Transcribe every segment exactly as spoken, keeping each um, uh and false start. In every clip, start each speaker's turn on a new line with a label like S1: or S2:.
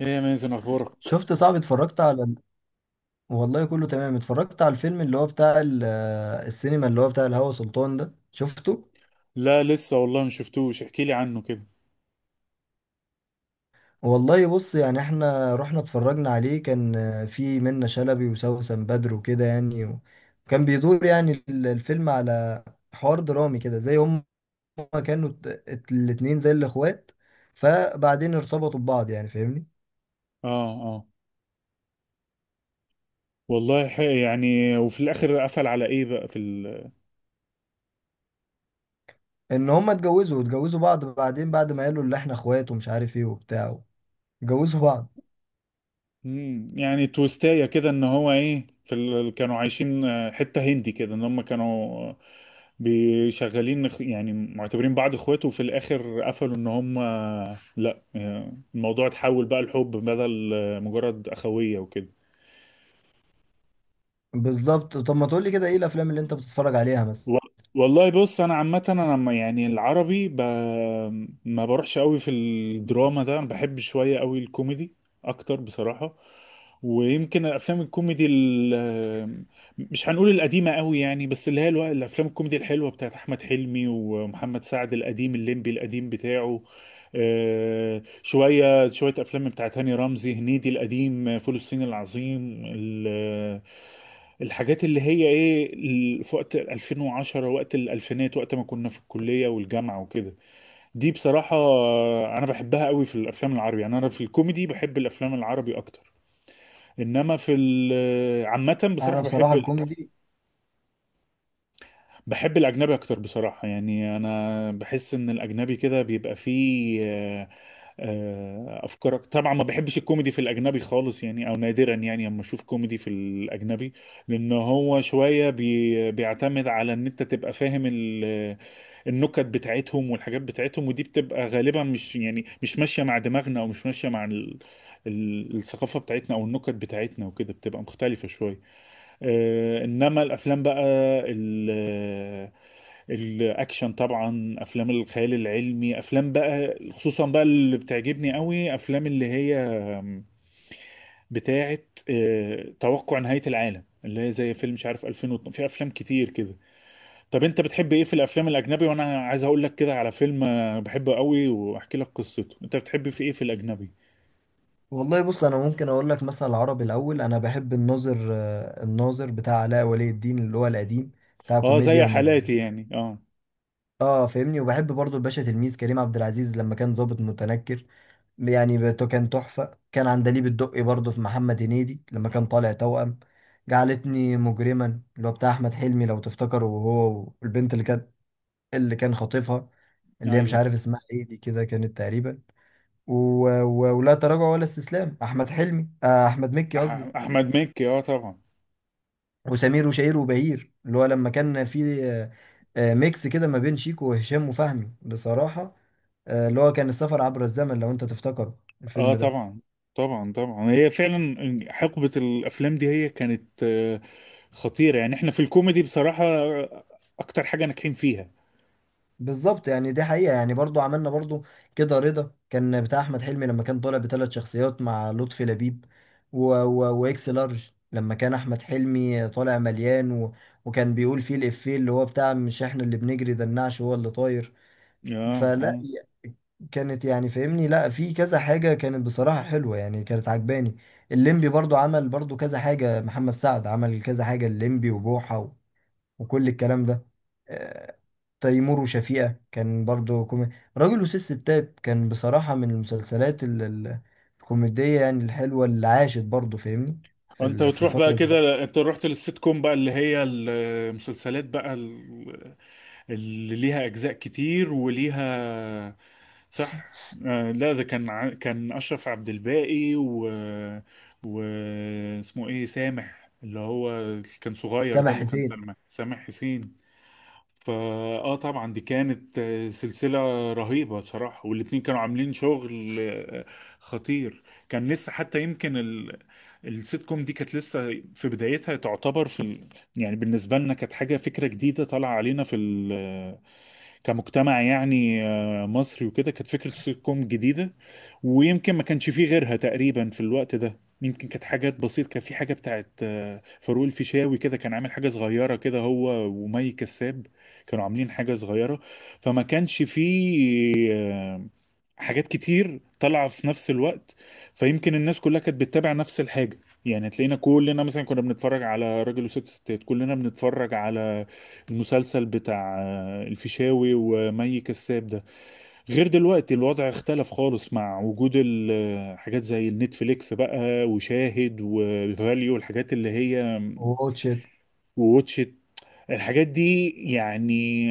S1: ايه يا مازن، اخبارك؟
S2: شفت صعب اتفرجت على ال- والله كله تمام. اتفرجت على الفيلم اللي هو بتاع ال- آه، السينما اللي هو بتاع الهوى سلطان ده شفته.
S1: لا، لسه والله ما شفتوش. احكي لي عنه كده.
S2: والله بص، يعني احنا رحنا اتفرجنا عليه، كان آه، في منة شلبي وسوسن بدر وكده، يعني و- وكان بيدور يعني ال- الفيلم على حوار درامي كده، زي هم كانوا ات- ات- الاتنين زي الاخوات، فبعدين ارتبطوا ببعض، يعني فاهمني؟
S1: اه، اه. والله ح- يعني، وفي الاخر قفل على ايه بقى في ال...
S2: ان هم اتجوزوا اتجوزوا بعض بعدين، بعد ما قالوا اللي احنا اخوات ومش عارف ايه وبتاع، اتجوزوا بعض.
S1: مم، يعني تويستايه كده ان هو ايه في ال... كانوا عايشين، آه، حته هندي كده ان هم كانوا آه، بيشغلين اخ- يعني معتبرين بعض اخوات. وفي الاخر قفلوا ان هم آه، لا، آه، الموضوع اتحول بقى لحب بدل آه، مجرد اخويه وكده.
S2: بالظبط، طب ما تقولي كده، ايه الافلام اللي انت بتتفرج عليها مثلا؟
S1: و- والله بص، انا عامه انا لما يعني العربي ب... ما بروحش قوي في الدراما ده. انا بحب شويه قوي الكوميدي اكتر بصراحه. ويمكن الافلام الكوميدي ال... مش هنقول القديمه قوي يعني، بس اللي هي الو... الافلام الكوميدي الحلوه بتاعت احمد حلمي ومحمد سعد القديم، الليمبي القديم بتاعه. آه، شويه شويه افلام بتاعت هاني رمزي، هنيدي القديم، فول الصين العظيم ال... الحاجات اللي هي ايه ال- في وقت ألفين وعشرة، وقت الالفينات، وقت ما كنا في الكليه والجامعه وكده. دي بصراحه، آه، انا بحبها قوي في الافلام العربي. يعني انا في الكوميدي بحب الافلام العربي اكتر. انما في ال- عامه
S2: انا
S1: بصراحه
S2: بصراحه
S1: بحب
S2: الكوميدي.
S1: بحب الأجنبي أكتر بصراحة. يعني أنا بحس إن الأجنبي كده بيبقى فيه آه، آه، أفكار أك- طبعا ما بحبش الكوميدي في الأجنبي خالص، يعني أو نادرا يعني أما أشوف كوميدي في الأجنبي. لأن هو شوية بي... بيعتمد على إن أنت تبقى فاهم ال... النكت بتاعتهم والحاجات بتاعتهم. ودي بتبقى غالبا مش يعني مش ماشية مع دماغنا، أو مش ماشية مع ال... ال- الثقافة بتاعتنا أو النكت بتاعتنا، وكده بتبقى مختلفة شوية. آه، انما الافلام بقى ال- الاكشن، طبعا افلام الخيال العلمي، افلام بقى خصوصا بقى اللي بتعجبني قوي، افلام اللي هي بتاعه آه، توقع نهاية العالم، اللي هي زي فيلم مش عارف، ألفين واتنين، في افلام كتير كده. طب انت بتحب ايه في الافلام الاجنبي؟ وانا عايز اقول لك كده على فيلم آه، بحبه قوي، واحكي لك قصته. انت بتحب في ايه في الاجنبي؟
S2: والله بص، انا ممكن اقول لك مثلا العربي الاول، انا بحب الناظر، آه، الناظر بتاع علاء ولي الدين اللي هو القديم، بتاع
S1: اه،
S2: كوميديا
S1: زي
S2: ومد.
S1: حالاتي يعني. اه.
S2: اه فاهمني، وبحب برضو الباشا تلميذ كريم عبد العزيز لما كان ضابط متنكر، يعني بت- كان تحفه. كان عندليب الدقي برضو في محمد هنيدي لما كان طالع توأم. جعلتني مجرما اللي هو بتاع احمد حلمي لو تفتكروا، وهو والبنت اللي كانت، اللي كان خاطفها، اللي هي مش
S1: ايوه
S2: عارف
S1: طبعا.
S2: اسمها ايه دي كده، كانت تقريبا و... و... ولا تراجع ولا استسلام. احمد حلمي، آه احمد مكي قصدي.
S1: أح- احمد مكي، اه طبعا.
S2: وسمير وشهير وبهير اللي هو لما كان في آه، آه، ميكس كده ما بين شيكو وهشام وفهمي بصراحة. آه، اللي هو كان السفر عبر الزمن لو انت تفتكره
S1: اه،
S2: الفيلم ده.
S1: طبعا طبعا. طبعا هي فعلا حقبة الافلام دي، هي كانت آه، خطيرة. يعني احنا في الكوميدي بصراحة آه، اكتر حاجة ناجحين فيها.
S2: بالظبط، يعني دي حقيقة. يعني برضو عملنا برضو كده رضا، كان بتاع أحمد حلمي لما كان طالع بثلاث شخصيات مع لطفي لبيب. و... و... وإكس لارج لما كان أحمد حلمي طالع مليان، و... وكان بيقول فيه الإفيه اللي هو بتاع مش إحنا اللي بنجري ده النعش هو اللي طاير.
S1: اه،
S2: فلا،
S1: اه.
S2: كانت يعني فاهمني، لا في كذا حاجة كانت بصراحة حلوة، يعني كانت عجباني. الليمبي برضو عمل برضو كذا حاجة، محمد سعد عمل كذا حاجة، الليمبي وبوحة وكل الكلام ده. آه، تيمور وشفيقة كان برضو كوميدي. راجل وست ستات كان بصراحة من المسلسلات ال- ال- الكوميدية، يعني الحلوة اللي عاشت برضو فاهمني في
S1: انت
S2: ال- في
S1: بتروح بقى
S2: الفترة دي.
S1: كده؟ انت رحت للسيت كوم بقى، اللي هي المسلسلات بقى ال- اللي ليها اجزاء كتير وليها. صح. آه، لا، ده كان ع- كان اشرف عبد الباقي، و، واسمه ايه، سامح، اللي هو كان صغير ده،
S2: سامح
S1: اللي كان
S2: حسين
S1: طالع معاه، سامح حسين. فاه طبعا، دي كانت آه، سلسلة رهيبة بصراحة. والاتنين كانوا عاملين شغل آه، خطير. كان لسه حتى يمكن ال... السيت كوم دي كانت لسه في بدايتها تعتبر في ال... يعني بالنسبة لنا كانت حاجة، فكرة جديدة طالعة علينا، في كمجتمع يعني آه، مصري، وكده كانت فكرة السيت كوم جديدة. ويمكن ما كانش فيه غيرها تقريبا في الوقت ده. يمكن كانت حاجات بسيطة، كان في حاجة بتاعت آه، فاروق الفيشاوي، كده كان عامل حاجة صغيرة كده، هو ومي كساب كانوا عاملين حاجة صغيرة. فما كانش فيه آه، حاجات كتير طالعة في نفس الوقت، فيمكن الناس كلها كانت بتتابع نفس الحاجة. يعني تلاقينا كلنا مثلا كنا بنتفرج على راجل وست ستات، كلنا بنتفرج على المسلسل بتاع آه، الفيشاوي ومي كساب ده. غير دلوقتي، الوضع اختلف خالص مع وجود ال- حاجات زي النتفليكس بقى وشاهد وفاليو، الحاجات اللي هي
S2: وواتش إت.
S1: ووتشت، الحاجات دي يعني.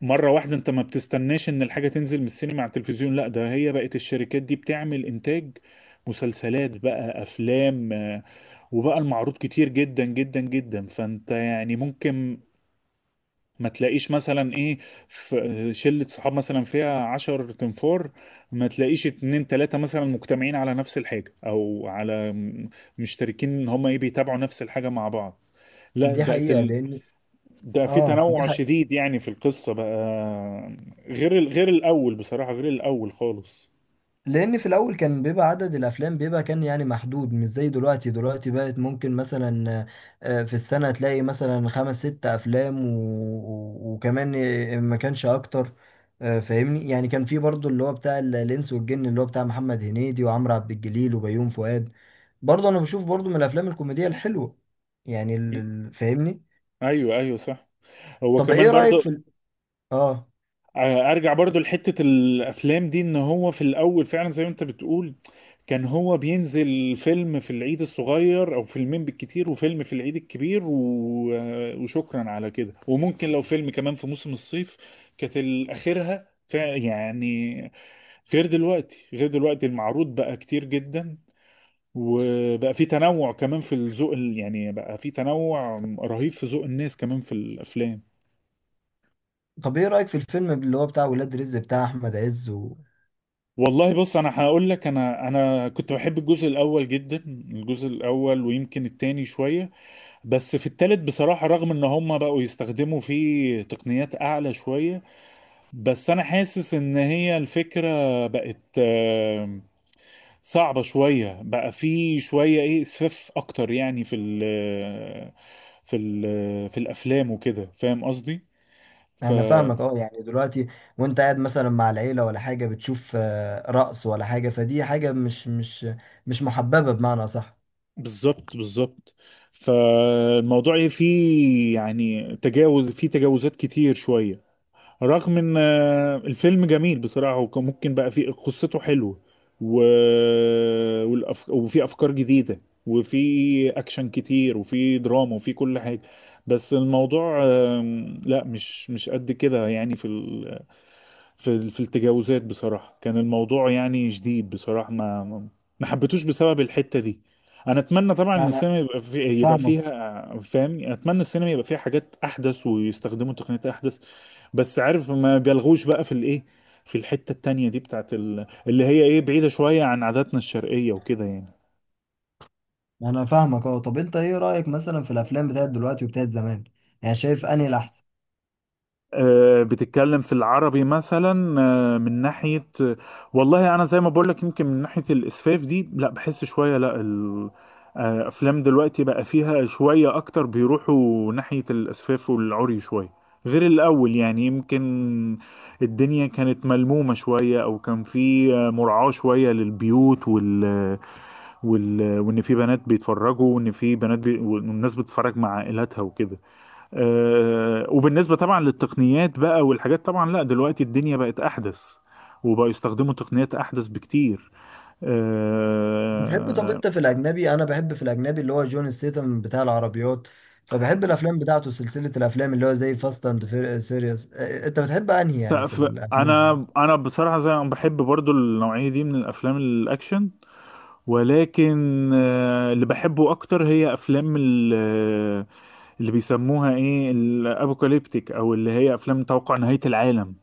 S1: مرة واحدة انت ما بتستناش ان الحاجة تنزل من السينما على التلفزيون. لا، ده هي بقت الشركات دي بتعمل انتاج مسلسلات بقى، افلام، آه، وبقى المعروض كتير جدا جدا جدا. فانت يعني ممكن ما تلاقيش مثلا ايه، في شلة صحاب مثلا فيها عشر تنفار، ما تلاقيش اتنين تلاتة مثلا مجتمعين على نفس الحاجة، او على م- مشتركين ان هما ايه، بيتابعوا نفس الحاجة مع بعض. لا،
S2: دي
S1: بقت
S2: حقيقة
S1: ال...
S2: لأن،
S1: ده في
S2: اه دي،
S1: تنوع شديد، يعني في القصة بقى، غير ال... غير الاول بصراحة، غير الاول خالص.
S2: لان في الاول كان بيبقى عدد الافلام بيبقى كان يعني محدود، مش زي دلوقتي. دلوقتي بقت ممكن مثلا آه، في السنة تلاقي مثلا خمس ست افلام و... و- وكمان آه، ما كانش اكتر. آه، فاهمني، يعني كان في برضو اللي هو بتاع ال- الانس والجن اللي هو بتاع محمد هنيدي وعمرو عبد الجليل وبيوم فؤاد، برضو انا بشوف برضو من الافلام الكوميدية الحلوة، يعني ال- ال- فاهمني.
S1: ايوه، ايوه، صح. هو
S2: طب
S1: كمان
S2: ايه رأيك
S1: برضه.
S2: في ال... اه،
S1: آه، ارجع برضو لحتة الافلام دي، ان هو في الاول فعلا زي ما انت بتقول، كان هو بينزل فيلم في العيد الصغير او فيلمين بالكتير، وفيلم في العيد الكبير، و... آه، وشكرا على كده، وممكن لو فيلم كمان في موسم الصيف. كانت اخرها فع- يعني، غير دلوقتي، غير دلوقتي المعروض بقى كتير جدا، وبقى في تنوع كمان في الذوق ال- يعني بقى في تنوع رهيب في ذوق الناس كمان في الافلام.
S2: طب ايه رأيك في الفيلم اللي هو بتاع ولاد رزق بتاع احمد عز؟
S1: والله بص، انا هقول لك، انا انا كنت بحب الجزء الاول جدا، الجزء الاول ويمكن التاني شويه. بس في التالت بصراحه، رغم ان هم بقوا يستخدموا فيه تقنيات اعلى شويه، بس انا حاسس ان هي الفكره بقت آه، صعبه شويه، بقى في شويه ايه، اسفاف اكتر يعني، في ال في ال في الافلام وكده، فاهم قصدي؟ ف
S2: انا فاهمك، اه، يعني دلوقتي وانت قاعد مثلا مع العيله ولا حاجه، بتشوف آه، رقص ولا حاجه، فدي حاجه مش مش مش محببه، بمعنى صح؟
S1: بالظبط، بالظبط. فالموضوع إيه، فيه يعني تجاوز، فيه تجاوزات كتير شوية، رغم ان آه، الفيلم جميل بصراحة، وكان ممكن بقى فيه قصته حلوة، و... والأف... وفي افكار جديدة، وفي اكشن كتير، وفي دراما، وفي كل حاجة. بس الموضوع آم، لا، مش مش قد كده يعني، في ال... في ال... في التجاوزات بصراحة كان الموضوع يعني شديد بصراحة. ما ما ما حبيتوش بسبب الحتة دي. انا اتمنى طبعا ان
S2: لا انا
S1: السينما يبقى في... يبقى
S2: فاهمك،
S1: فيها فاهم، اتمنى السينما يبقى فيها حاجات احدث ويستخدموا تقنيات احدث. بس عارف، ما بيلغوش بقى في الايه، في الحتة التانية دي بتاعت ال... اللي هي ايه، بعيدة شوية عن عاداتنا الشرقية وكده يعني.
S2: انا فاهمك اه، طب انت ايه رايك مثلا في الافلام بتاعت دلوقتي وبتاعت زمان؟ يعني شايف انهي الاحسن؟
S1: آه، بتتكلم في العربي مثلا؟ آه، من ناحية، آه، والله أنا زي ما بقولك، يمكن من ناحية الإسفاف دي، لا بحس شوية. لا ال- آه، أفلام دلوقتي بقى فيها شوية أكتر، بيروحوا ناحية الإسفاف والعري شوية غير الأول يعني. يمكن الدنيا كانت ملمومة شوية، أو كان في آه، مراعاة شوية للبيوت وال وال... وان في بنات بيتفرجوا، وان في بنات بي... والناس بتتفرج مع عائلاتها وكده. أه... وبالنسبه طبعا للتقنيات بقى والحاجات، طبعا لا، دلوقتي الدنيا بقت احدث، وبقوا يستخدموا تقنيات احدث بكتير.
S2: بتحب، طب
S1: أه...
S2: انت في الاجنبي، انا بحب في الاجنبي اللي هو جون ستيثم بتاع العربيات، فبحب الافلام بتاعته سلسله الافلام اللي هو زي فاست اند سيريس. انت بتحب انهي يعني في
S1: ف...
S2: الافلام دي؟
S1: انا انا بصراحه زي ما بحب برضو النوعيه دي من الافلام الاكشن. ولكن آه، اللي بحبه اكتر هي افلام ال- آه، اللي بيسموها ايه، الابوكاليبتيك، او اللي هي افلام توقع نهاية العالم.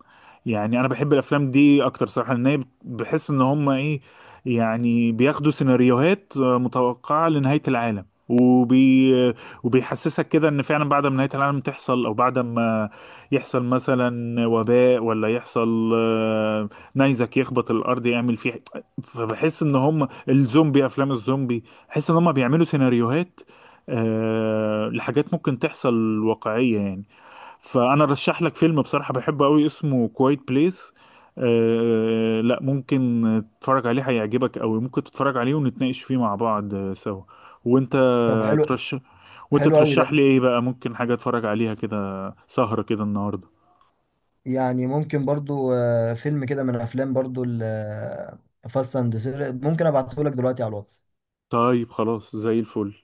S1: يعني انا بحب الافلام دي اكتر صراحة، لان هي بت- بحس ان هم ايه، يعني بياخدوا سيناريوهات آه، متوقعة لنهاية العالم، وبي آه، وبيحسسك كده ان فعلا بعد ما نهاية العالم تحصل، او بعد ما يحصل مثلا وباء، ولا يحصل آه، نيزك يخبط الارض يعمل فيه. فبحس ان هم الزومبي، افلام الزومبي، بحيث ان هم بيعملوا سيناريوهات آه لحاجات ممكن تحصل واقعية يعني. فانا رشح لك فيلم بصراحة بحبه قوي، اسمه كوايت بليس. آه لا، ممكن تتفرج عليه، هيعجبك قوي. ممكن تتفرج عليه ونتناقش فيه مع بعض آه، سوا. وانت
S2: طب حلو،
S1: ترشح وانت
S2: حلو قوي
S1: ترشح
S2: ده.
S1: لي ايه بقى؟ ممكن حاجة اتفرج عليها كده، سهرة كده النهاردة؟
S2: يعني ممكن برضو آه، فيلم كده من افلام برضو فاست اند، ممكن ابعته لك دلوقتي على الواتس.
S1: طيب، خلاص زي الفل.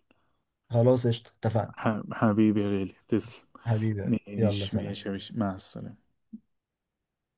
S2: خلاص قشطة، اتفقنا.
S1: ح- حبيبي يا غالي، تسلم.
S2: حبيبي، يلا
S1: ماشي،
S2: سلام.
S1: ماشي يا باشا، مع السلامة.